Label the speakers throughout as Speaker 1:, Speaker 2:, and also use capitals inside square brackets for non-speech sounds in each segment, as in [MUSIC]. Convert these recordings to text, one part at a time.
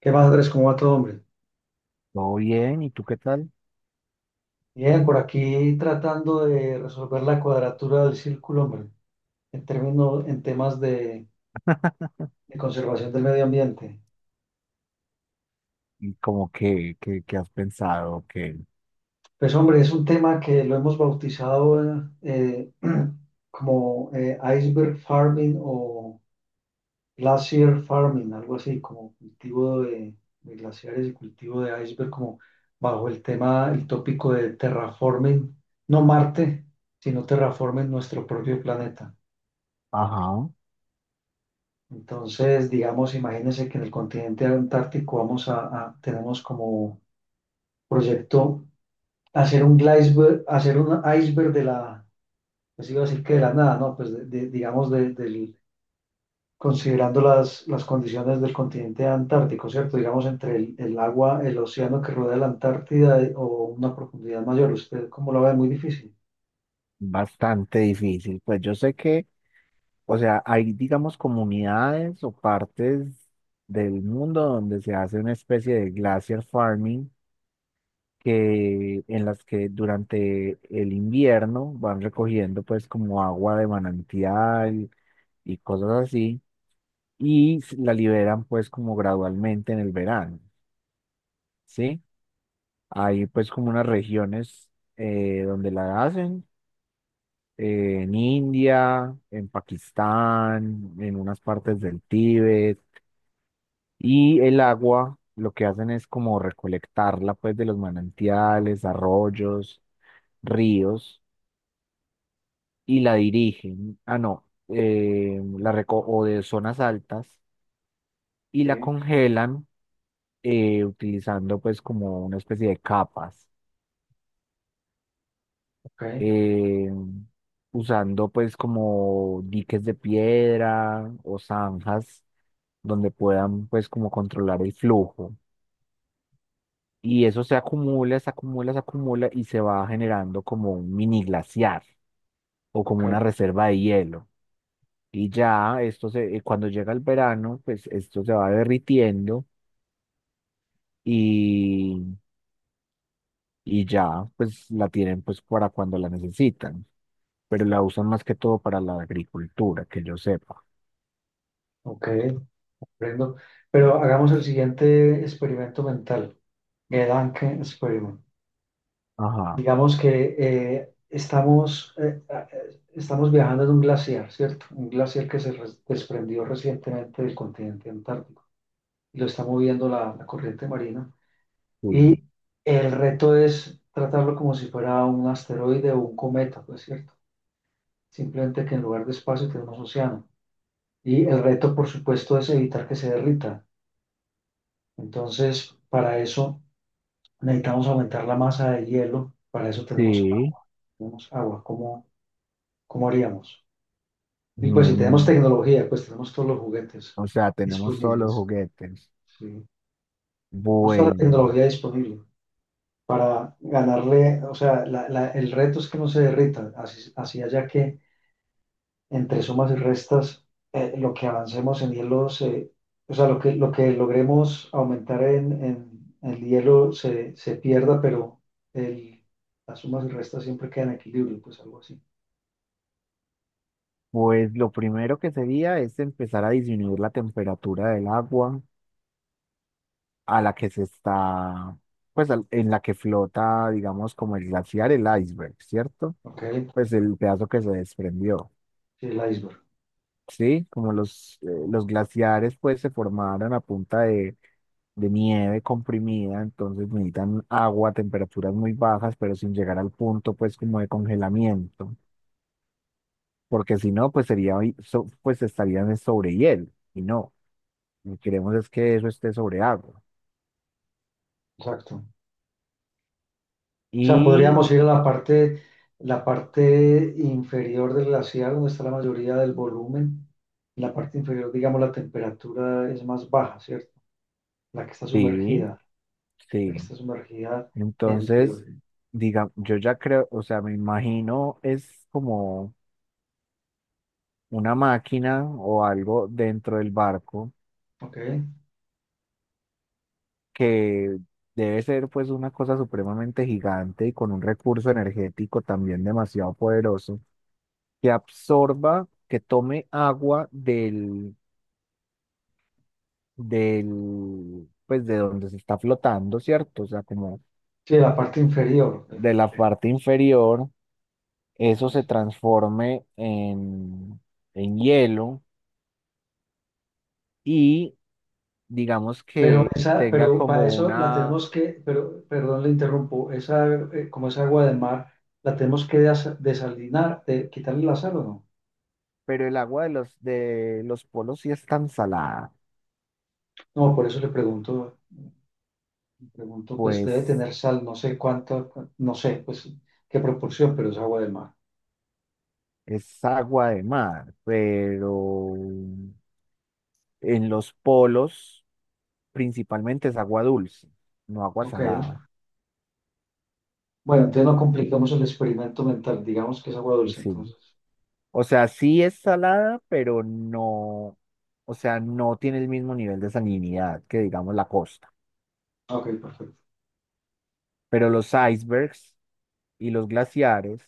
Speaker 1: ¿Qué más, Andrés? ¿Cómo va todo, hombre?
Speaker 2: Todo bien, ¿y tú qué tal?
Speaker 1: Bien, por aquí tratando de resolver la cuadratura del círculo, hombre, en términos, en temas de conservación del medio ambiente.
Speaker 2: ¿Y como que has pensado
Speaker 1: Pues, hombre, es un tema que lo hemos bautizado eh, [CLEARS THROAT] como iceberg farming o glacier farming, algo así, como cultivo de glaciares y cultivo de iceberg, como bajo el tema, el tópico de terraforming, no Marte, sino terraforming nuestro propio planeta.
Speaker 2: ajá,
Speaker 1: Entonces, digamos, imagínense que en el continente antártico vamos a, tenemos como proyecto hacer un iceberg de la, pues iba a decir que de la nada, ¿no? Pues digamos, del, considerando las condiciones del continente antártico, ¿cierto? Digamos, entre el agua, el océano que rodea la Antártida o una profundidad mayor. ¿Usted cómo lo ve? Muy difícil.
Speaker 2: bastante difícil? Pues yo sé que, o sea, hay, digamos, comunidades o partes del mundo donde se hace una especie de glacier farming que, en las que durante el invierno van recogiendo pues como agua de manantial y cosas así y la liberan pues como gradualmente en el verano, ¿sí? Hay pues como unas regiones donde la hacen, en India, en Pakistán, en unas partes del Tíbet. Y el agua lo que hacen es como recolectarla pues de los manantiales, arroyos, ríos y la dirigen, ah no, la reco o de zonas altas y la
Speaker 1: Sí.
Speaker 2: congelan utilizando pues como una especie de capas.
Speaker 1: Ok,
Speaker 2: eh, Usando pues como diques de piedra o zanjas donde puedan pues como controlar el flujo. Y eso se acumula y se va generando como un mini glaciar o
Speaker 1: ok,
Speaker 2: como una reserva de hielo. Y ya esto se, cuando llega el verano, pues esto se va derritiendo y, y ya pues la tienen pues para cuando la necesitan. Pero la usan más que todo para la agricultura, que yo sepa.
Speaker 1: ok, comprendo. Pero hagamos el siguiente experimento mental, el Anke Experiment.
Speaker 2: Ajá,
Speaker 1: Digamos que estamos viajando en un glaciar, ¿cierto? Un glaciar que se desprendió recientemente del continente antártico y lo está moviendo la, la corriente marina.
Speaker 2: sí,
Speaker 1: Y el reto es tratarlo como si fuera un asteroide o un cometa, pues, ¿cierto? Simplemente que en lugar de espacio tenemos océano. Y el reto, por supuesto, es evitar que se derrita. Entonces, para eso necesitamos aumentar la masa de hielo. Para eso tenemos
Speaker 2: sí.
Speaker 1: agua. Tenemos agua. ¿Cómo haríamos? Y pues si tenemos
Speaker 2: Mm,
Speaker 1: tecnología, pues tenemos todos los juguetes
Speaker 2: o sea, tenemos todos los
Speaker 1: disponibles.
Speaker 2: juguetes.
Speaker 1: Sí. Tenemos toda la
Speaker 2: Bueno,
Speaker 1: tecnología disponible para ganarle, o sea, el reto es que no se derrita, así, así haya que entre sumas y restas, lo que avancemos en hielo, se, o sea, lo que logremos aumentar en, en el hielo se, se pierda, pero el, las sumas y restas siempre quedan en equilibrio, pues algo así.
Speaker 2: pues lo primero que sería es empezar a disminuir la temperatura del agua a la que se está, pues al- en la que flota, digamos, como el glaciar, el iceberg, ¿cierto?
Speaker 1: Ok,
Speaker 2: Pues el pedazo que se desprendió.
Speaker 1: sí, el iceberg,
Speaker 2: Sí, como los glaciares pues se formaron a punta de nieve comprimida, entonces necesitan agua a temperaturas muy bajas, pero sin llegar al punto pues como de congelamiento, porque si no pues sería, hoy- so- pues estarían en sobre hielo, y no, lo que queremos es que eso esté sobre agua.
Speaker 1: exacto. O sea,
Speaker 2: Y
Speaker 1: podríamos ir a la parte inferior del glaciar, donde está la mayoría del volumen. En la parte inferior, digamos, la temperatura es más baja, ¿cierto? La que está
Speaker 2: sí,
Speaker 1: sumergida, la que
Speaker 2: sí,
Speaker 1: está sumergida en
Speaker 2: entonces,
Speaker 1: teoría.
Speaker 2: diga, yo ya creo, o sea, me imagino es como una máquina o algo dentro del barco
Speaker 1: ¿Ok?
Speaker 2: que debe ser pues una cosa supremamente gigante y con un recurso energético también demasiado poderoso, que absorba, que tome agua del, pues de donde se está flotando, ¿cierto? O sea, como
Speaker 1: Sí, la parte inferior.
Speaker 2: de la parte inferior, eso se
Speaker 1: Eh,
Speaker 2: transforme en hielo y digamos
Speaker 1: Pero
Speaker 2: que
Speaker 1: esa,
Speaker 2: tenga
Speaker 1: pero para
Speaker 2: como
Speaker 1: eso la
Speaker 2: una,
Speaker 1: tenemos que, pero, perdón, le interrumpo, esa, como es agua de mar, la tenemos que desalinar, de, quitarle la sal o no.
Speaker 2: pero el agua de los polos sí es tan salada,
Speaker 1: No, por eso le pregunto. Pregunto, pues debe
Speaker 2: pues
Speaker 1: tener sal, no sé cuánto, no sé, pues qué proporción, pero es agua de mar.
Speaker 2: es agua de mar, pero en los polos principalmente es agua dulce, no agua
Speaker 1: Ok.
Speaker 2: salada.
Speaker 1: Bueno, entonces no complicamos el experimento mental, digamos que es agua
Speaker 2: Pues
Speaker 1: dulce,
Speaker 2: sí.
Speaker 1: entonces.
Speaker 2: O sea, sí es salada, pero no, o sea, no tiene el mismo nivel de salinidad que, digamos, la costa.
Speaker 1: Ok, perfecto.
Speaker 2: Pero los icebergs y los glaciares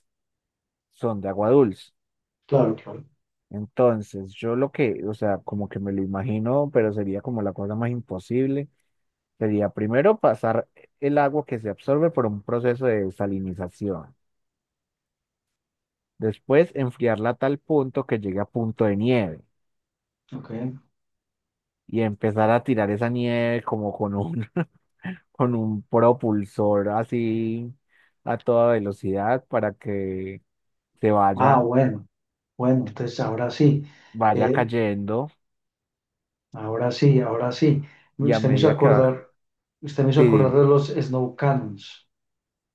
Speaker 2: son de agua dulce.
Speaker 1: Claro, claro.
Speaker 2: Entonces, yo lo que, o sea, como que me lo imagino, pero sería como la cosa más imposible. Sería primero pasar el agua que se absorbe por un proceso de desalinización, después enfriarla a tal punto que llegue a punto de nieve
Speaker 1: Ok.
Speaker 2: y empezar a tirar esa nieve como con un, [LAUGHS] con un propulsor así a toda velocidad para que se
Speaker 1: Ah,
Speaker 2: vaya,
Speaker 1: bueno, bueno, entonces ahora sí,
Speaker 2: vaya
Speaker 1: eh,
Speaker 2: cayendo
Speaker 1: ahora sí, ahora sí.
Speaker 2: y a
Speaker 1: Usted me hizo
Speaker 2: medida que va,
Speaker 1: acordar, usted me hizo
Speaker 2: sí,
Speaker 1: acordar de los snow cannons.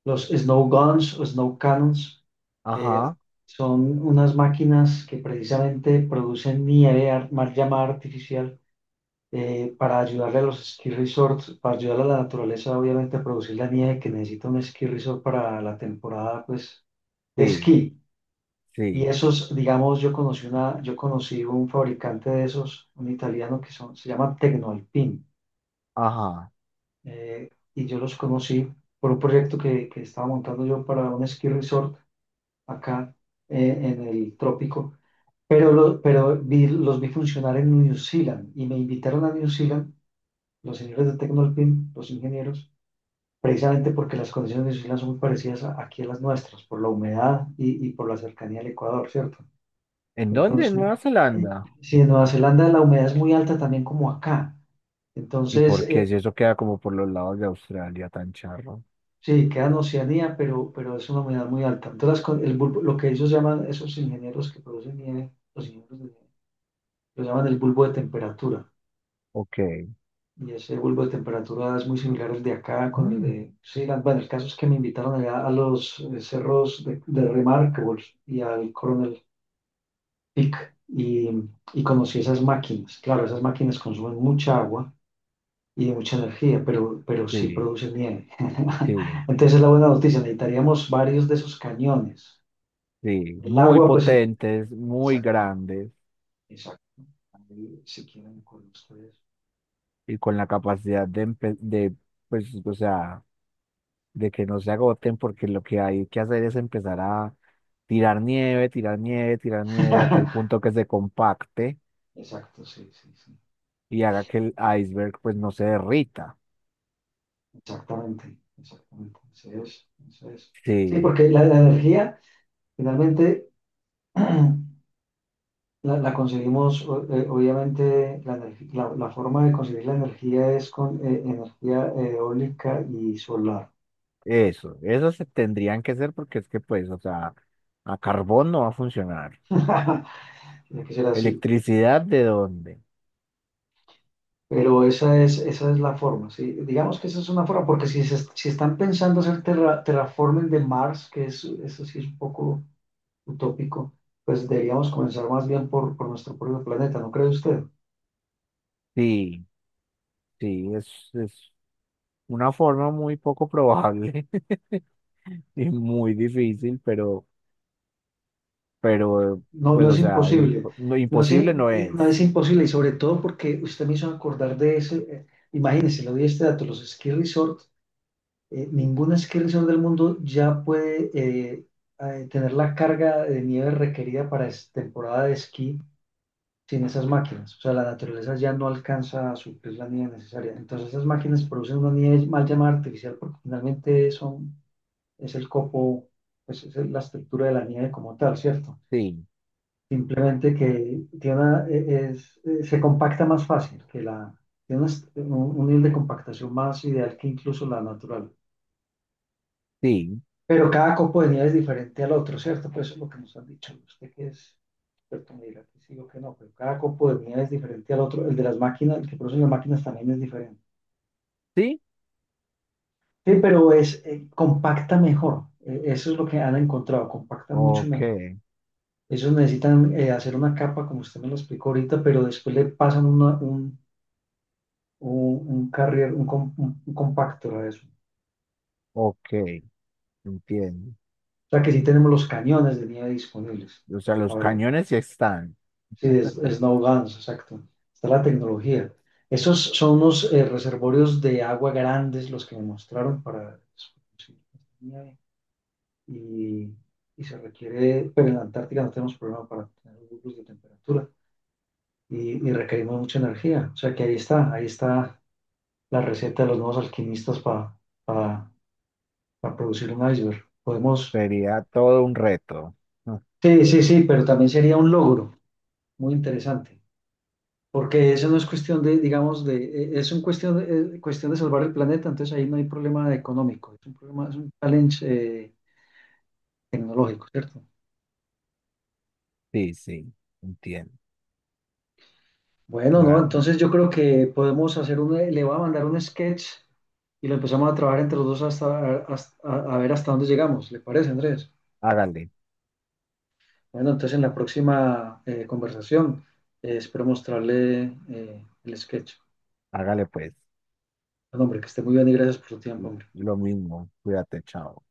Speaker 1: Los Snow Guns o Snow Cannons eh,
Speaker 2: ajá,
Speaker 1: son unas máquinas que precisamente producen nieve, llamada artificial, para ayudarle a los ski resorts, para ayudar a la naturaleza, obviamente, a producir la nieve que necesita un ski resort para la temporada, pues, de
Speaker 2: sí,
Speaker 1: esquí. Y
Speaker 2: sí,
Speaker 1: esos, digamos, yo conocí una, yo conocí un fabricante de esos, un italiano que son, se llama Tecnoalpin,
Speaker 2: ajá.
Speaker 1: eh, y yo los conocí por un proyecto que estaba montando yo para un ski resort acá en el trópico, pero, pero los vi funcionar en New Zealand y me invitaron a New Zealand, los señores de Tecnolpin, los ingenieros, precisamente porque las condiciones de New Zealand son muy parecidas aquí a las nuestras, por la humedad y por la cercanía al Ecuador, ¿cierto?
Speaker 2: ¿En dónde? En
Speaker 1: Entonces,
Speaker 2: Nueva
Speaker 1: eh,
Speaker 2: Zelanda.
Speaker 1: sí, en Nueva Zelanda la humedad es muy alta también como acá,
Speaker 2: ¿Y
Speaker 1: entonces...
Speaker 2: por qué
Speaker 1: eh,
Speaker 2: si eso queda como por los lados de Australia tan charro?
Speaker 1: Sí, queda en Oceanía, pero es una humedad muy alta. Entonces, las con- el bulbo- lo que ellos llaman, esos ingenieros que producen nieve, los ingenieros de nieve, lo llaman el bulbo de temperatura.
Speaker 2: Ok,
Speaker 1: Y ese bulbo de temperatura es muy similar al de acá con el de sí. Bueno, el caso es que me invitaron allá a los cerros de Remarkables y al Coronel Peak y conocí esas máquinas. Claro, esas máquinas consumen mucha agua y mucha energía, pero sí
Speaker 2: sí,
Speaker 1: producen nieve.
Speaker 2: sí,
Speaker 1: [LAUGHS] Entonces es la buena noticia, necesitaríamos varios de esos cañones.
Speaker 2: sí,
Speaker 1: El
Speaker 2: muy
Speaker 1: agua, pues,
Speaker 2: potentes, muy
Speaker 1: exacto,
Speaker 2: grandes
Speaker 1: exacto. Ahí, si quieren, con ustedes.
Speaker 2: y con la capacidad de, pues, o sea, de que no se agoten porque lo que hay que hacer es empezar a tirar nieve, tirar nieve, tirar nieve a tal
Speaker 1: [LAUGHS]
Speaker 2: punto que se compacte
Speaker 1: Exacto, sí, sí, sí.
Speaker 2: y haga que el iceberg pues no se derrita.
Speaker 1: Exactamente, exactamente. Eso es, eso es. Sí,
Speaker 2: Sí,
Speaker 1: porque la energía, finalmente, [CLEARS THROAT] la, la conseguimos, obviamente, la, la, la forma de conseguir la energía es con energía eólica y solar.
Speaker 2: eso se tendrían que hacer porque es que pues, o sea, a carbón no va a funcionar.
Speaker 1: [LAUGHS] Tiene que ser así.
Speaker 2: ¿Electricidad de dónde?
Speaker 1: Pero esa es la forma, ¿sí? Digamos que esa es una forma, porque si, si están pensando hacer terraforming de Mars, que es, eso sí es un poco utópico, pues deberíamos comenzar más bien por nuestro propio planeta, ¿no cree usted?
Speaker 2: Sí, sí, es una forma muy poco probable [LAUGHS] y muy difícil, pero,
Speaker 1: No,
Speaker 2: pues,
Speaker 1: no
Speaker 2: o
Speaker 1: es
Speaker 2: sea, imp-
Speaker 1: imposible.
Speaker 2: no,
Speaker 1: No es,
Speaker 2: imposible no
Speaker 1: no es
Speaker 2: es.
Speaker 1: imposible y sobre todo porque usted me hizo acordar de ese. Imagínese, le doy este dato, los ski resort, ningún ski resort del mundo ya puede tener la carga de nieve requerida para temporada de esquí sin esas máquinas. O sea, la naturaleza ya no alcanza a suplir la nieve necesaria. Entonces esas máquinas producen una nieve mal llamada artificial porque finalmente son, es el copo, pues es la estructura de la nieve como tal, ¿cierto?
Speaker 2: Sí,
Speaker 1: Simplemente que tiene es, se compacta más fácil que la, tiene un nivel de compactación más ideal que incluso la natural.
Speaker 2: sí,
Speaker 1: Pero cada copo de nieve es diferente al otro, ¿cierto? Pues eso es lo que nos han dicho. Usted que es experto me dirá que sí o que no, pero cada copo de nieve es diferente al otro. El de las máquinas, el que producen las máquinas también es diferente.
Speaker 2: sí.
Speaker 1: Sí, pero es compacta mejor. Eso es lo que han encontrado, compacta mucho
Speaker 2: Ok,
Speaker 1: mejor. Ellos necesitan hacer una capa, como usted me lo explicó ahorita, pero después le pasan una, un carrier, un, un compactor de eso. O
Speaker 2: ok, entiendo.
Speaker 1: sea que sí tenemos los cañones de nieve disponibles.
Speaker 2: O sea,
Speaker 1: A
Speaker 2: los
Speaker 1: ver,
Speaker 2: cañones sí están.
Speaker 1: sí, es, snow guns, exacto. Está la tecnología. Esos son unos reservorios de agua grandes los que me mostraron para eso, sí, nieve. Y, y se requiere, pero en la Antártica no tenemos problema para tener grupos de temperatura y requerimos mucha energía. O sea que ahí está la receta de los nuevos alquimistas para, para producir un iceberg. Podemos
Speaker 2: Sería todo un reto. Ah,
Speaker 1: sí, sí, sí, pero también sería un logro muy interesante, porque eso no es cuestión de, digamos, de, es un cuestión de salvar el planeta, entonces ahí no hay problema económico, es un problema, es un challenge eh, tecnológico, ¿cierto?
Speaker 2: sí, sí, entiendo.
Speaker 1: Bueno, no,
Speaker 2: Claro.
Speaker 1: entonces yo creo que podemos hacer un, le voy a mandar un sketch y lo empezamos a trabajar entre los dos hasta, a ver hasta dónde llegamos, ¿le parece, Andrés?
Speaker 2: Hágale,
Speaker 1: Bueno, entonces en la próxima conversación espero mostrarle el sketch.
Speaker 2: hágale pues.
Speaker 1: Bueno, hombre, que esté muy bien y gracias por su tiempo, hombre.
Speaker 2: Lo mismo. Cuídate, chao.